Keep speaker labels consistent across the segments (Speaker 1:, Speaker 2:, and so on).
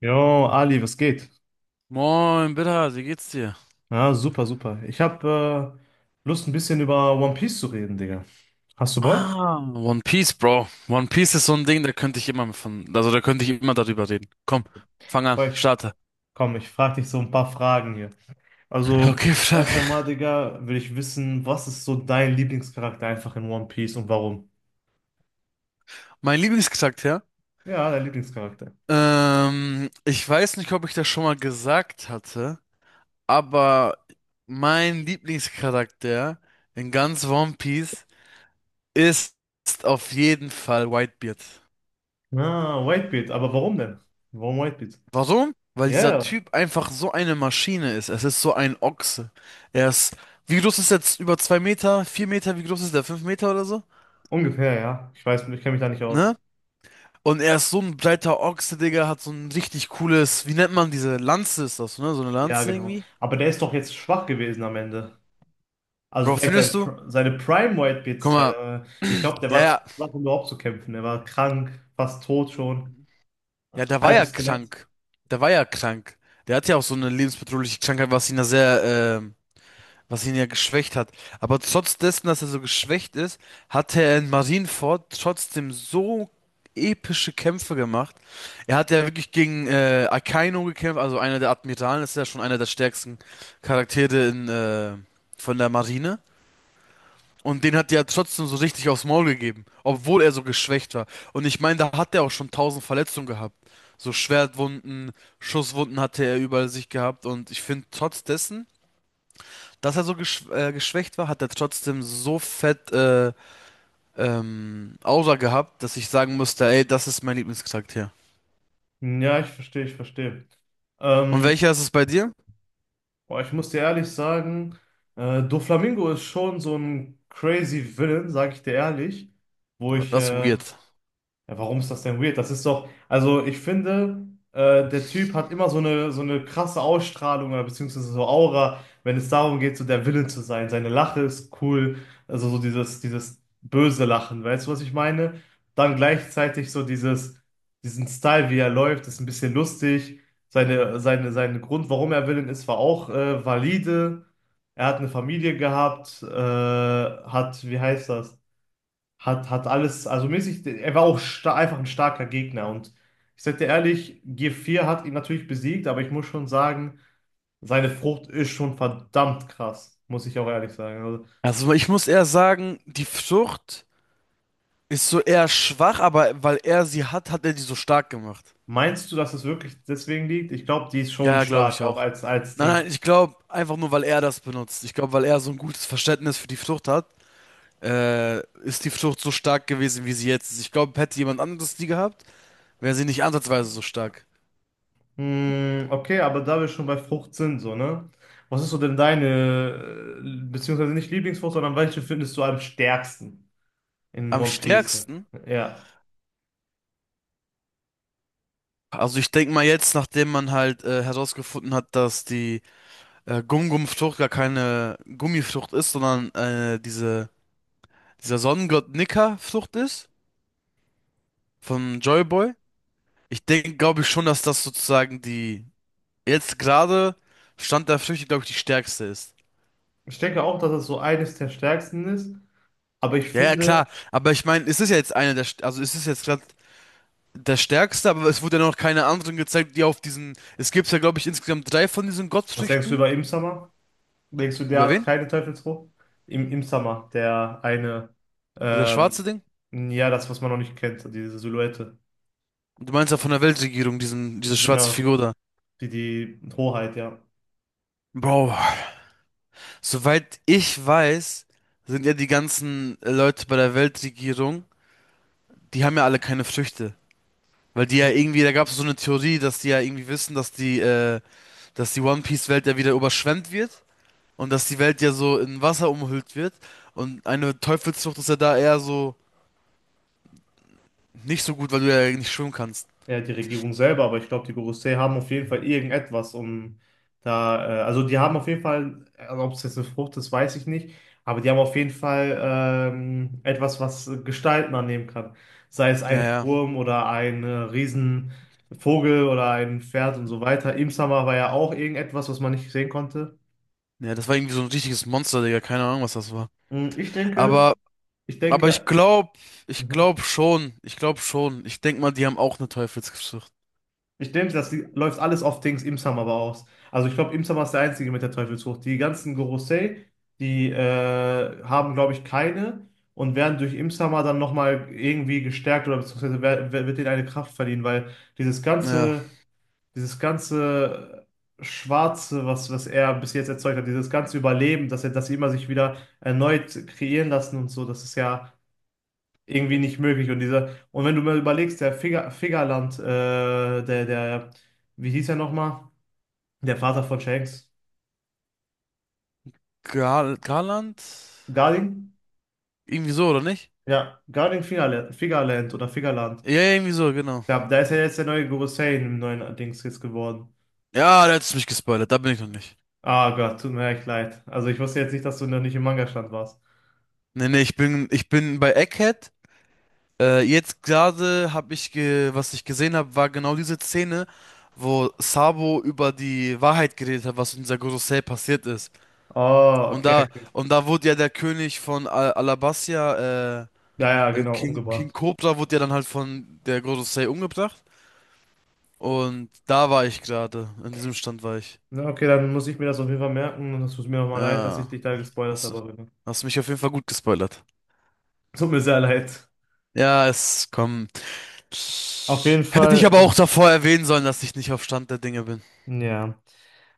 Speaker 1: Jo, Ali, was geht?
Speaker 2: Moin, Bitter, wie geht's dir?
Speaker 1: Ja, super, super. Ich habe Lust, ein bisschen über One Piece zu reden, Digga. Hast du Bock?
Speaker 2: Ah, One Piece, Bro. One Piece ist so ein Ding, da könnte ich immer von, also da könnte ich immer darüber reden. Komm, fang an,
Speaker 1: Boah,
Speaker 2: starte.
Speaker 1: komm, ich frage dich so ein paar Fragen hier. Also,
Speaker 2: Okay, frag.
Speaker 1: erst einmal, Digga, will ich wissen, was ist so dein Lieblingscharakter einfach in One Piece und warum?
Speaker 2: Mein Lieblingscharakter?
Speaker 1: Ja, dein Lieblingscharakter.
Speaker 2: Ich weiß nicht, ob ich das schon mal gesagt hatte, aber mein Lieblingscharakter in ganz One Piece ist auf jeden Fall Whitebeard.
Speaker 1: Ah, Whitebeard, aber warum denn? Warum Whitebeard?
Speaker 2: Warum? Weil dieser
Speaker 1: Ja, ja,
Speaker 2: Typ einfach so eine Maschine ist. Es ist so ein Ochse. Er ist, wie groß ist er jetzt? Über zwei Meter, vier Meter, wie groß ist der? Fünf Meter oder so?
Speaker 1: ungefähr, ja. Ich weiß, ich kenne mich da nicht aus.
Speaker 2: Ne? Und er ist so ein breiter Ochse, Digga, hat so ein richtig cooles, wie nennt man diese Lanze ist das, ne? So eine
Speaker 1: Ja,
Speaker 2: Lanze
Speaker 1: genau.
Speaker 2: irgendwie?
Speaker 1: Aber der ist doch jetzt schwach gewesen am Ende. Also
Speaker 2: Bro,
Speaker 1: vielleicht
Speaker 2: findest du?
Speaker 1: seine
Speaker 2: Guck
Speaker 1: Prime-White-Beard-Zeit,
Speaker 2: mal,
Speaker 1: aber ich glaube, der
Speaker 2: ja,
Speaker 1: war zu
Speaker 2: ja,
Speaker 1: schwach, um überhaupt zu kämpfen. Er war krank, fast tot schon,
Speaker 2: ja, der war ja
Speaker 1: halbes Skelett.
Speaker 2: krank. Der war ja krank. Der hat ja auch so eine lebensbedrohliche Krankheit, was ihn da sehr, was ihn ja geschwächt hat. Aber trotz dessen, dass er so geschwächt ist, hatte er in Marineford trotzdem so epische Kämpfe gemacht. Er hat ja wirklich gegen Akainu gekämpft, also einer der Admiralen, das ist ja schon einer der stärksten Charaktere in, von der Marine. Und den hat er ja trotzdem so richtig aufs Maul gegeben, obwohl er so geschwächt war. Und ich meine, da hat er auch schon tausend Verletzungen gehabt. So Schwertwunden, Schusswunden hatte er überall sich gehabt. Und ich finde, trotz dessen dass er so geschwächt war, hat er trotzdem so fett Aura gehabt, dass ich sagen musste, ey, das ist mein Lieblingscharakter.
Speaker 1: Hm, ja, ich verstehe, ich verstehe.
Speaker 2: Und
Speaker 1: Ähm,
Speaker 2: welcher ist es bei dir?
Speaker 1: boah, ich muss dir ehrlich sagen, Doflamingo ist schon so ein crazy Villain, sag ich dir ehrlich, wo
Speaker 2: Oh,
Speaker 1: ich
Speaker 2: das ist
Speaker 1: Ja,
Speaker 2: weird.
Speaker 1: warum ist das denn weird? Das ist doch, also ich finde, der Typ hat immer so eine krasse Ausstrahlung oder beziehungsweise so Aura, wenn es darum geht, so der Villain zu sein. Seine Lache ist cool, also so dieses böse Lachen, weißt du, was ich meine? Dann gleichzeitig so diesen Style, wie er läuft, ist ein bisschen lustig. Sein Grund, warum er Villain ist, war auch valide. Er hat eine Familie gehabt, hat, wie heißt das? Hat alles, also mäßig, er war auch einfach ein starker Gegner. Und ich sag dir ehrlich, g vier hat ihn natürlich besiegt, aber ich muss schon sagen, seine Frucht ist schon verdammt krass, muss ich auch ehrlich sagen. Also,
Speaker 2: Also ich muss eher sagen, die Frucht ist so eher schwach, aber weil er sie hat, hat er die so stark gemacht.
Speaker 1: meinst du, dass es wirklich deswegen liegt? Ich glaube, die ist
Speaker 2: Ja,
Speaker 1: schon
Speaker 2: ja, glaube
Speaker 1: stark,
Speaker 2: ich
Speaker 1: auch
Speaker 2: auch.
Speaker 1: als
Speaker 2: Nein, nein,
Speaker 1: Ding.
Speaker 2: ich glaube einfach nur, weil er das benutzt. Ich glaube, weil er so ein gutes Verständnis für die Frucht hat, ist die Frucht so stark gewesen, wie sie jetzt ist. Ich glaube, hätte jemand anderes die gehabt, wäre sie nicht ansatzweise so stark.
Speaker 1: Hm, okay, aber da wir schon bei Frucht sind, so, ne? Was ist so denn deine, beziehungsweise nicht Lieblingsfrucht, sondern welche findest du am stärksten in
Speaker 2: Am
Speaker 1: One Piece?
Speaker 2: stärksten,
Speaker 1: Ja.
Speaker 2: also ich denke mal jetzt, nachdem man halt herausgefunden hat, dass die Gum-Gum-Frucht gar keine Gummifrucht ist, sondern diese, dieser Sonnengott Nika-Frucht ist von Joyboy. Ich denke, glaube ich schon, dass das sozusagen die jetzt gerade Stand der Früchte, glaube ich, die stärkste ist.
Speaker 1: Ich denke auch, dass es so eines der stärksten ist. Aber ich
Speaker 2: Ja, ja,
Speaker 1: finde,
Speaker 2: klar, aber ich meine, es ist ja jetzt eine der, also es ist jetzt gerade der stärkste, aber es wurde ja noch keine anderen gezeigt, die auf diesen, es gibt ja, glaube ich, insgesamt drei von diesen
Speaker 1: was denkst du
Speaker 2: Gottfrüchten.
Speaker 1: über Im? Denkst du, der
Speaker 2: Über
Speaker 1: hat
Speaker 2: wen?
Speaker 1: keine Teufelsfrucht? Im, der eine,
Speaker 2: Dieser
Speaker 1: ähm,
Speaker 2: schwarze Ding?
Speaker 1: ja, das, was man noch nicht kennt, diese Silhouette.
Speaker 2: Du meinst ja von der Weltregierung, diesen, diese schwarze
Speaker 1: Genau,
Speaker 2: Figur da.
Speaker 1: die Hoheit, ja.
Speaker 2: Bro, soweit ich weiß, sind ja die ganzen Leute bei der Weltregierung, die haben ja alle keine Früchte. Weil die ja irgendwie, da gab es so eine Theorie, dass die ja irgendwie wissen, dass die One Piece Welt ja wieder überschwemmt wird und dass die Welt ja so in Wasser umhüllt wird. Und eine Teufelsfrucht ist ja da eher so nicht so gut, weil du ja nicht schwimmen kannst.
Speaker 1: Ja, die Regierung selber, aber ich glaube, die Gorosei haben auf jeden Fall irgendetwas, um da, also die haben auf jeden Fall, also ob es jetzt eine Frucht ist, weiß ich nicht, aber die haben auf jeden Fall etwas, was Gestalten annehmen kann. Sei es
Speaker 2: Ja,
Speaker 1: ein
Speaker 2: ja.
Speaker 1: Wurm oder ein Riesenvogel oder ein Pferd und so weiter. Im Sommer war ja auch irgendetwas, was man nicht sehen konnte.
Speaker 2: Ja, das war irgendwie so ein richtiges Monster, Digga. Keine Ahnung, was das war.
Speaker 1: Ich denke,
Speaker 2: Aber
Speaker 1: ich
Speaker 2: Aber
Speaker 1: denke,
Speaker 2: ich
Speaker 1: mhm.
Speaker 2: glaube schon, ich glaube schon. Ich denke mal, die haben auch eine Teufelsgeschichte.
Speaker 1: Ich denke, das läuft alles auf Dings Imsam aber aus. Also ich glaube, Imsam ist der Einzige mit der Teufelsfrucht. Die ganzen Gorosei, die haben, glaube ich, keine und werden durch Imsama dann nochmal irgendwie gestärkt oder beziehungsweise wird ihnen eine Kraft verliehen, weil dieses
Speaker 2: Ja,
Speaker 1: ganze, dieses ganze Schwarze, was er bis jetzt erzeugt hat, dieses ganze Überleben, dass sie immer sich wieder erneut kreieren lassen und so, das ist ja irgendwie nicht möglich. Und wenn du mal überlegst, der Figaland, wie hieß er nochmal? Der Vater von Shanks.
Speaker 2: Gal Garland?
Speaker 1: Garding?
Speaker 2: Irgendwie so, oder nicht?
Speaker 1: Ja, Garding Fingerland, Figaland oder Figaland.
Speaker 2: Ja, ja, irgendwie so, genau.
Speaker 1: Da ist ja jetzt der neue Guru Sane im neuen Dings jetzt geworden.
Speaker 2: Ja, da hättest du mich gespoilert, da bin ich noch nicht.
Speaker 1: Ah Gott, tut mir echt leid. Also ich wusste jetzt nicht, dass du noch nicht im Manga-Stand warst.
Speaker 2: Nee, nee, ich bin bei Egghead. Jetzt gerade habe ich, ge was ich gesehen habe, war genau diese Szene, wo Sabo über die Wahrheit geredet hat, was in dieser Gorosei passiert ist.
Speaker 1: Oh, okay.
Speaker 2: Und da wurde ja der König von Al Alabastia,
Speaker 1: Ja, ja, genau,
Speaker 2: King, King
Speaker 1: umgebracht.
Speaker 2: Cobra wurde ja dann halt von der Gorosei umgebracht. Und da war ich gerade. In diesem Stand war ich.
Speaker 1: Na, okay, dann muss ich mir das auf jeden Fall merken und es tut mir nochmal leid, dass ich
Speaker 2: Ja.
Speaker 1: dich da gespoilert
Speaker 2: Hast,
Speaker 1: habe. Rene.
Speaker 2: hast mich auf jeden Fall gut gespoilert.
Speaker 1: Tut mir sehr leid.
Speaker 2: Ja, es kommt.
Speaker 1: Auf jeden
Speaker 2: Hätte ich aber
Speaker 1: Fall,
Speaker 2: auch davor erwähnen sollen, dass ich nicht auf Stand der Dinge bin.
Speaker 1: ja.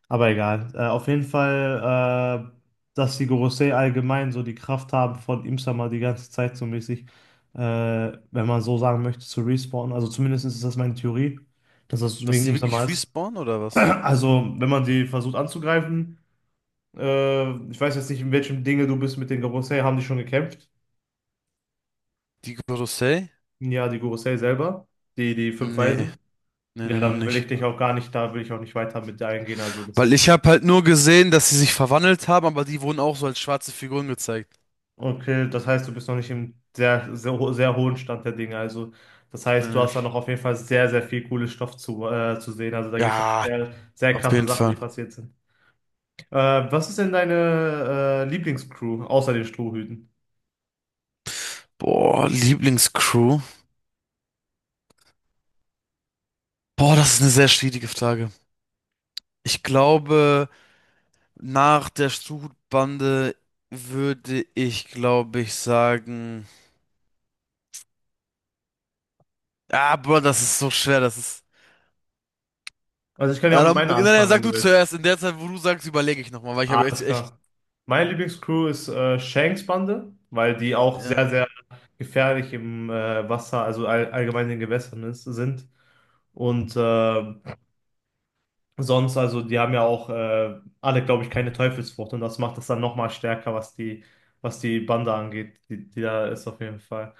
Speaker 1: Aber egal. Auf jeden Fall, dass die Gorosei allgemein so die Kraft haben, von Imsama die ganze Zeit so mäßig, äh, wenn man so sagen möchte, zu respawnen. Also zumindest ist das meine Theorie, dass das
Speaker 2: Dass
Speaker 1: wegen
Speaker 2: die
Speaker 1: Imsama
Speaker 2: wirklich
Speaker 1: ist.
Speaker 2: respawnen oder was?
Speaker 1: Also, wenn man die versucht anzugreifen, ich weiß jetzt nicht, in welchem Dinge du bist mit den Gorosei, haben die schon gekämpft?
Speaker 2: Die Gorosei?
Speaker 1: Ja, die Gorosei selber, die fünf
Speaker 2: Nee,
Speaker 1: Weisen.
Speaker 2: nee,
Speaker 1: Ja,
Speaker 2: nee, noch
Speaker 1: dann will ich
Speaker 2: nicht.
Speaker 1: dich auch gar nicht, da will ich auch nicht weiter mit eingehen. Also, das
Speaker 2: Weil
Speaker 1: ist...
Speaker 2: ich habe halt nur gesehen, dass sie sich verwandelt haben, aber die wurden auch so als schwarze Figuren gezeigt.
Speaker 1: Okay, das heißt, du bist noch nicht im sehr, sehr, sehr hohen Stand der Dinge. Also, das
Speaker 2: Nee,
Speaker 1: heißt, du hast da
Speaker 2: nee.
Speaker 1: noch auf jeden Fall sehr, sehr viel cooles Stoff zu sehen. Also, da gibt es noch
Speaker 2: Ja,
Speaker 1: sehr, sehr
Speaker 2: auf
Speaker 1: krasse
Speaker 2: jeden
Speaker 1: Sachen, die
Speaker 2: Fall.
Speaker 1: passiert sind. Äh, Was ist denn deine Lieblingscrew außer den Strohhüten?
Speaker 2: Boah, Lieblingscrew. Boah, das ist eine sehr schwierige Frage. Ich glaube, nach der Strutbande würde ich, glaube ich, sagen. Ah, Bro, das ist so schwer. Das ist.
Speaker 1: Also, ich kann ja auch
Speaker 2: Ja,
Speaker 1: mit
Speaker 2: dann, na,
Speaker 1: meiner
Speaker 2: na,
Speaker 1: anfangen, wenn
Speaker 2: sag
Speaker 1: du
Speaker 2: du
Speaker 1: willst.
Speaker 2: zuerst. In der Zeit, wo du sagst, überlege ich nochmal, weil ich habe jetzt
Speaker 1: Alles
Speaker 2: echt.
Speaker 1: klar. Meine Lieblingscrew ist Shanks Bande, weil die auch
Speaker 2: Ja.
Speaker 1: sehr, sehr gefährlich im Wasser, also allgemein in den Gewässern sind. Und sonst, also die haben ja auch alle, glaube ich, keine Teufelsfrucht und das macht es dann nochmal stärker, was die Bande angeht, die da ist auf jeden Fall.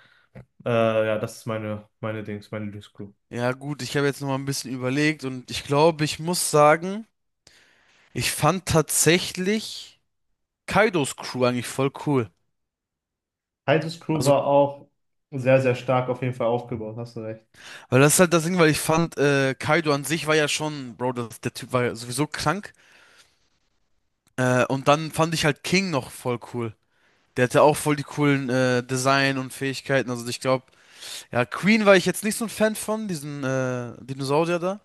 Speaker 1: Äh, ja, das ist meine Dings, meine Lieblingscrew.
Speaker 2: Ja, gut, ich habe jetzt nochmal ein bisschen überlegt und ich glaube, ich muss sagen, ich fand tatsächlich Kaidos Crew eigentlich voll cool.
Speaker 1: Titus Crew
Speaker 2: Also,
Speaker 1: war auch sehr, sehr stark auf jeden Fall aufgebaut, hast du recht.
Speaker 2: weil das ist halt das Ding, weil ich fand, Kaido an sich war ja schon, Bro, das, der Typ war ja sowieso krank. Und dann fand ich halt King noch voll cool. Der hatte auch voll die coolen Design und Fähigkeiten. Also ich glaube, ja, Queen war ich jetzt nicht so ein Fan von, diesen Dinosaurier da.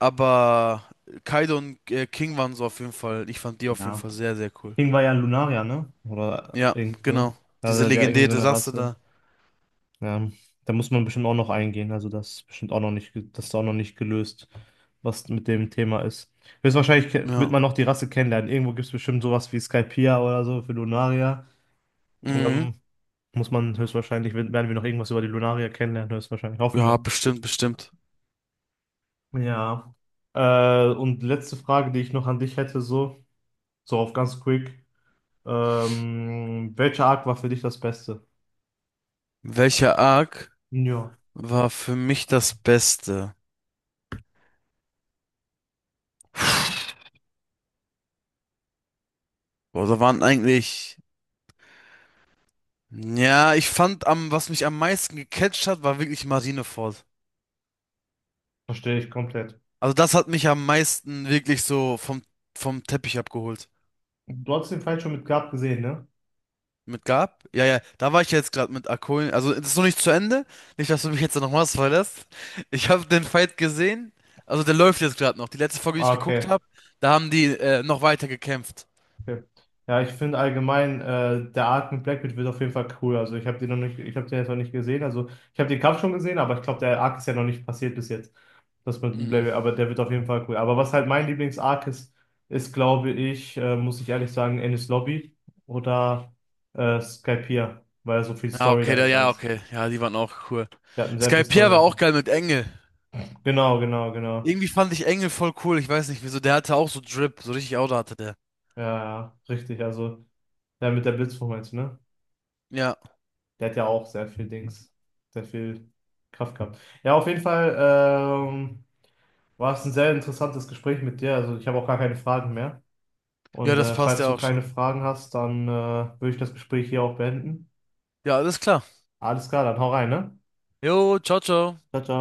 Speaker 2: Aber Kaido und King waren so auf jeden Fall, ich fand die auf jeden
Speaker 1: Ja.
Speaker 2: Fall sehr, sehr cool.
Speaker 1: King war ja ein Lunarier, ne? Oder
Speaker 2: Ja,
Speaker 1: irgendwie so.
Speaker 2: genau. Diese
Speaker 1: Also der irgendwie so
Speaker 2: legendäre
Speaker 1: eine
Speaker 2: Rasse
Speaker 1: Rasse.
Speaker 2: da.
Speaker 1: Ja, da muss man bestimmt auch noch eingehen. Also das ist bestimmt auch noch nicht, das ist auch noch nicht gelöst, was mit dem Thema ist. Höchstwahrscheinlich wird
Speaker 2: Ja.
Speaker 1: man noch die Rasse kennenlernen. Irgendwo gibt es bestimmt sowas wie Skypia oder so für Lunaria. Und
Speaker 2: Mhm.
Speaker 1: dann muss man höchstwahrscheinlich, werden wir noch irgendwas über die Lunaria kennenlernen, höchstwahrscheinlich. Hoffen
Speaker 2: Ja,
Speaker 1: wir.
Speaker 2: bestimmt, bestimmt.
Speaker 1: Ja. Und letzte Frage, die ich noch an dich hätte, so, auf ganz quick. Welcher Arc war für dich das Beste?
Speaker 2: Welcher Arc
Speaker 1: Ja,
Speaker 2: war für mich das Beste? Boah, da waren eigentlich. Ja, ich fand am, was mich am meisten gecatcht hat, war wirklich Marineford.
Speaker 1: verstehe ich komplett.
Speaker 2: Also das hat mich am meisten wirklich so vom, vom Teppich abgeholt.
Speaker 1: Du hast den Fight schon mit Gab gesehen, ne?
Speaker 2: Mit Gab? Ja, ja, da war ich jetzt gerade mit Akoin. Also das ist noch nicht zu Ende. Nicht, dass du mich jetzt noch mal spoilerst. Ich habe den Fight gesehen. Also der läuft jetzt gerade noch. Die letzte Folge, die ich
Speaker 1: Ah,
Speaker 2: geguckt
Speaker 1: okay.
Speaker 2: habe, da haben die noch weiter gekämpft.
Speaker 1: Okay. Ja, ich finde allgemein, der Arc mit Blackbeard wird auf jeden Fall cool. Also ich habe den noch nicht, ich habe den jetzt noch nicht gesehen. Also ich habe den Kampf schon gesehen, aber ich glaube, der Arc ist ja noch nicht passiert bis jetzt. Das mit
Speaker 2: Mhm.
Speaker 1: Blackbeard, aber der wird auf jeden Fall cool. Aber was halt mein Lieblings-Arc ist, ist, glaube ich, muss ich ehrlich sagen, Enies Lobby oder Skypiea, weil so viel
Speaker 2: Ja,
Speaker 1: Story
Speaker 2: okay, da,
Speaker 1: dahinter
Speaker 2: ja,
Speaker 1: ist.
Speaker 2: okay. Ja, die waren auch cool.
Speaker 1: Wir hatten sehr
Speaker 2: Sky
Speaker 1: viel Story
Speaker 2: Skypiea war auch
Speaker 1: dahinter.
Speaker 2: geil mit Engel.
Speaker 1: Genau, genau, genau.
Speaker 2: Irgendwie fand ich Engel voll cool. Ich weiß nicht wieso. Der hatte auch so Drip. So richtig Auto hatte der.
Speaker 1: Ja, ja, richtig. Also der mit der Blitzform jetzt, ne?
Speaker 2: Ja,
Speaker 1: Der hat ja auch sehr viel Dings, sehr viel Kraft gehabt. Ja, auf jeden Fall war es ein sehr interessantes Gespräch mit dir. Also ich habe auch gar keine Fragen mehr.
Speaker 2: ja,
Speaker 1: Und
Speaker 2: das passt
Speaker 1: falls
Speaker 2: ja
Speaker 1: du
Speaker 2: auch
Speaker 1: keine
Speaker 2: schon.
Speaker 1: Fragen hast, dann würde ich das Gespräch hier auch beenden.
Speaker 2: Ja, alles klar.
Speaker 1: Alles klar, dann hau rein, ne?
Speaker 2: Jo, ciao, ciao.
Speaker 1: Ciao, ciao.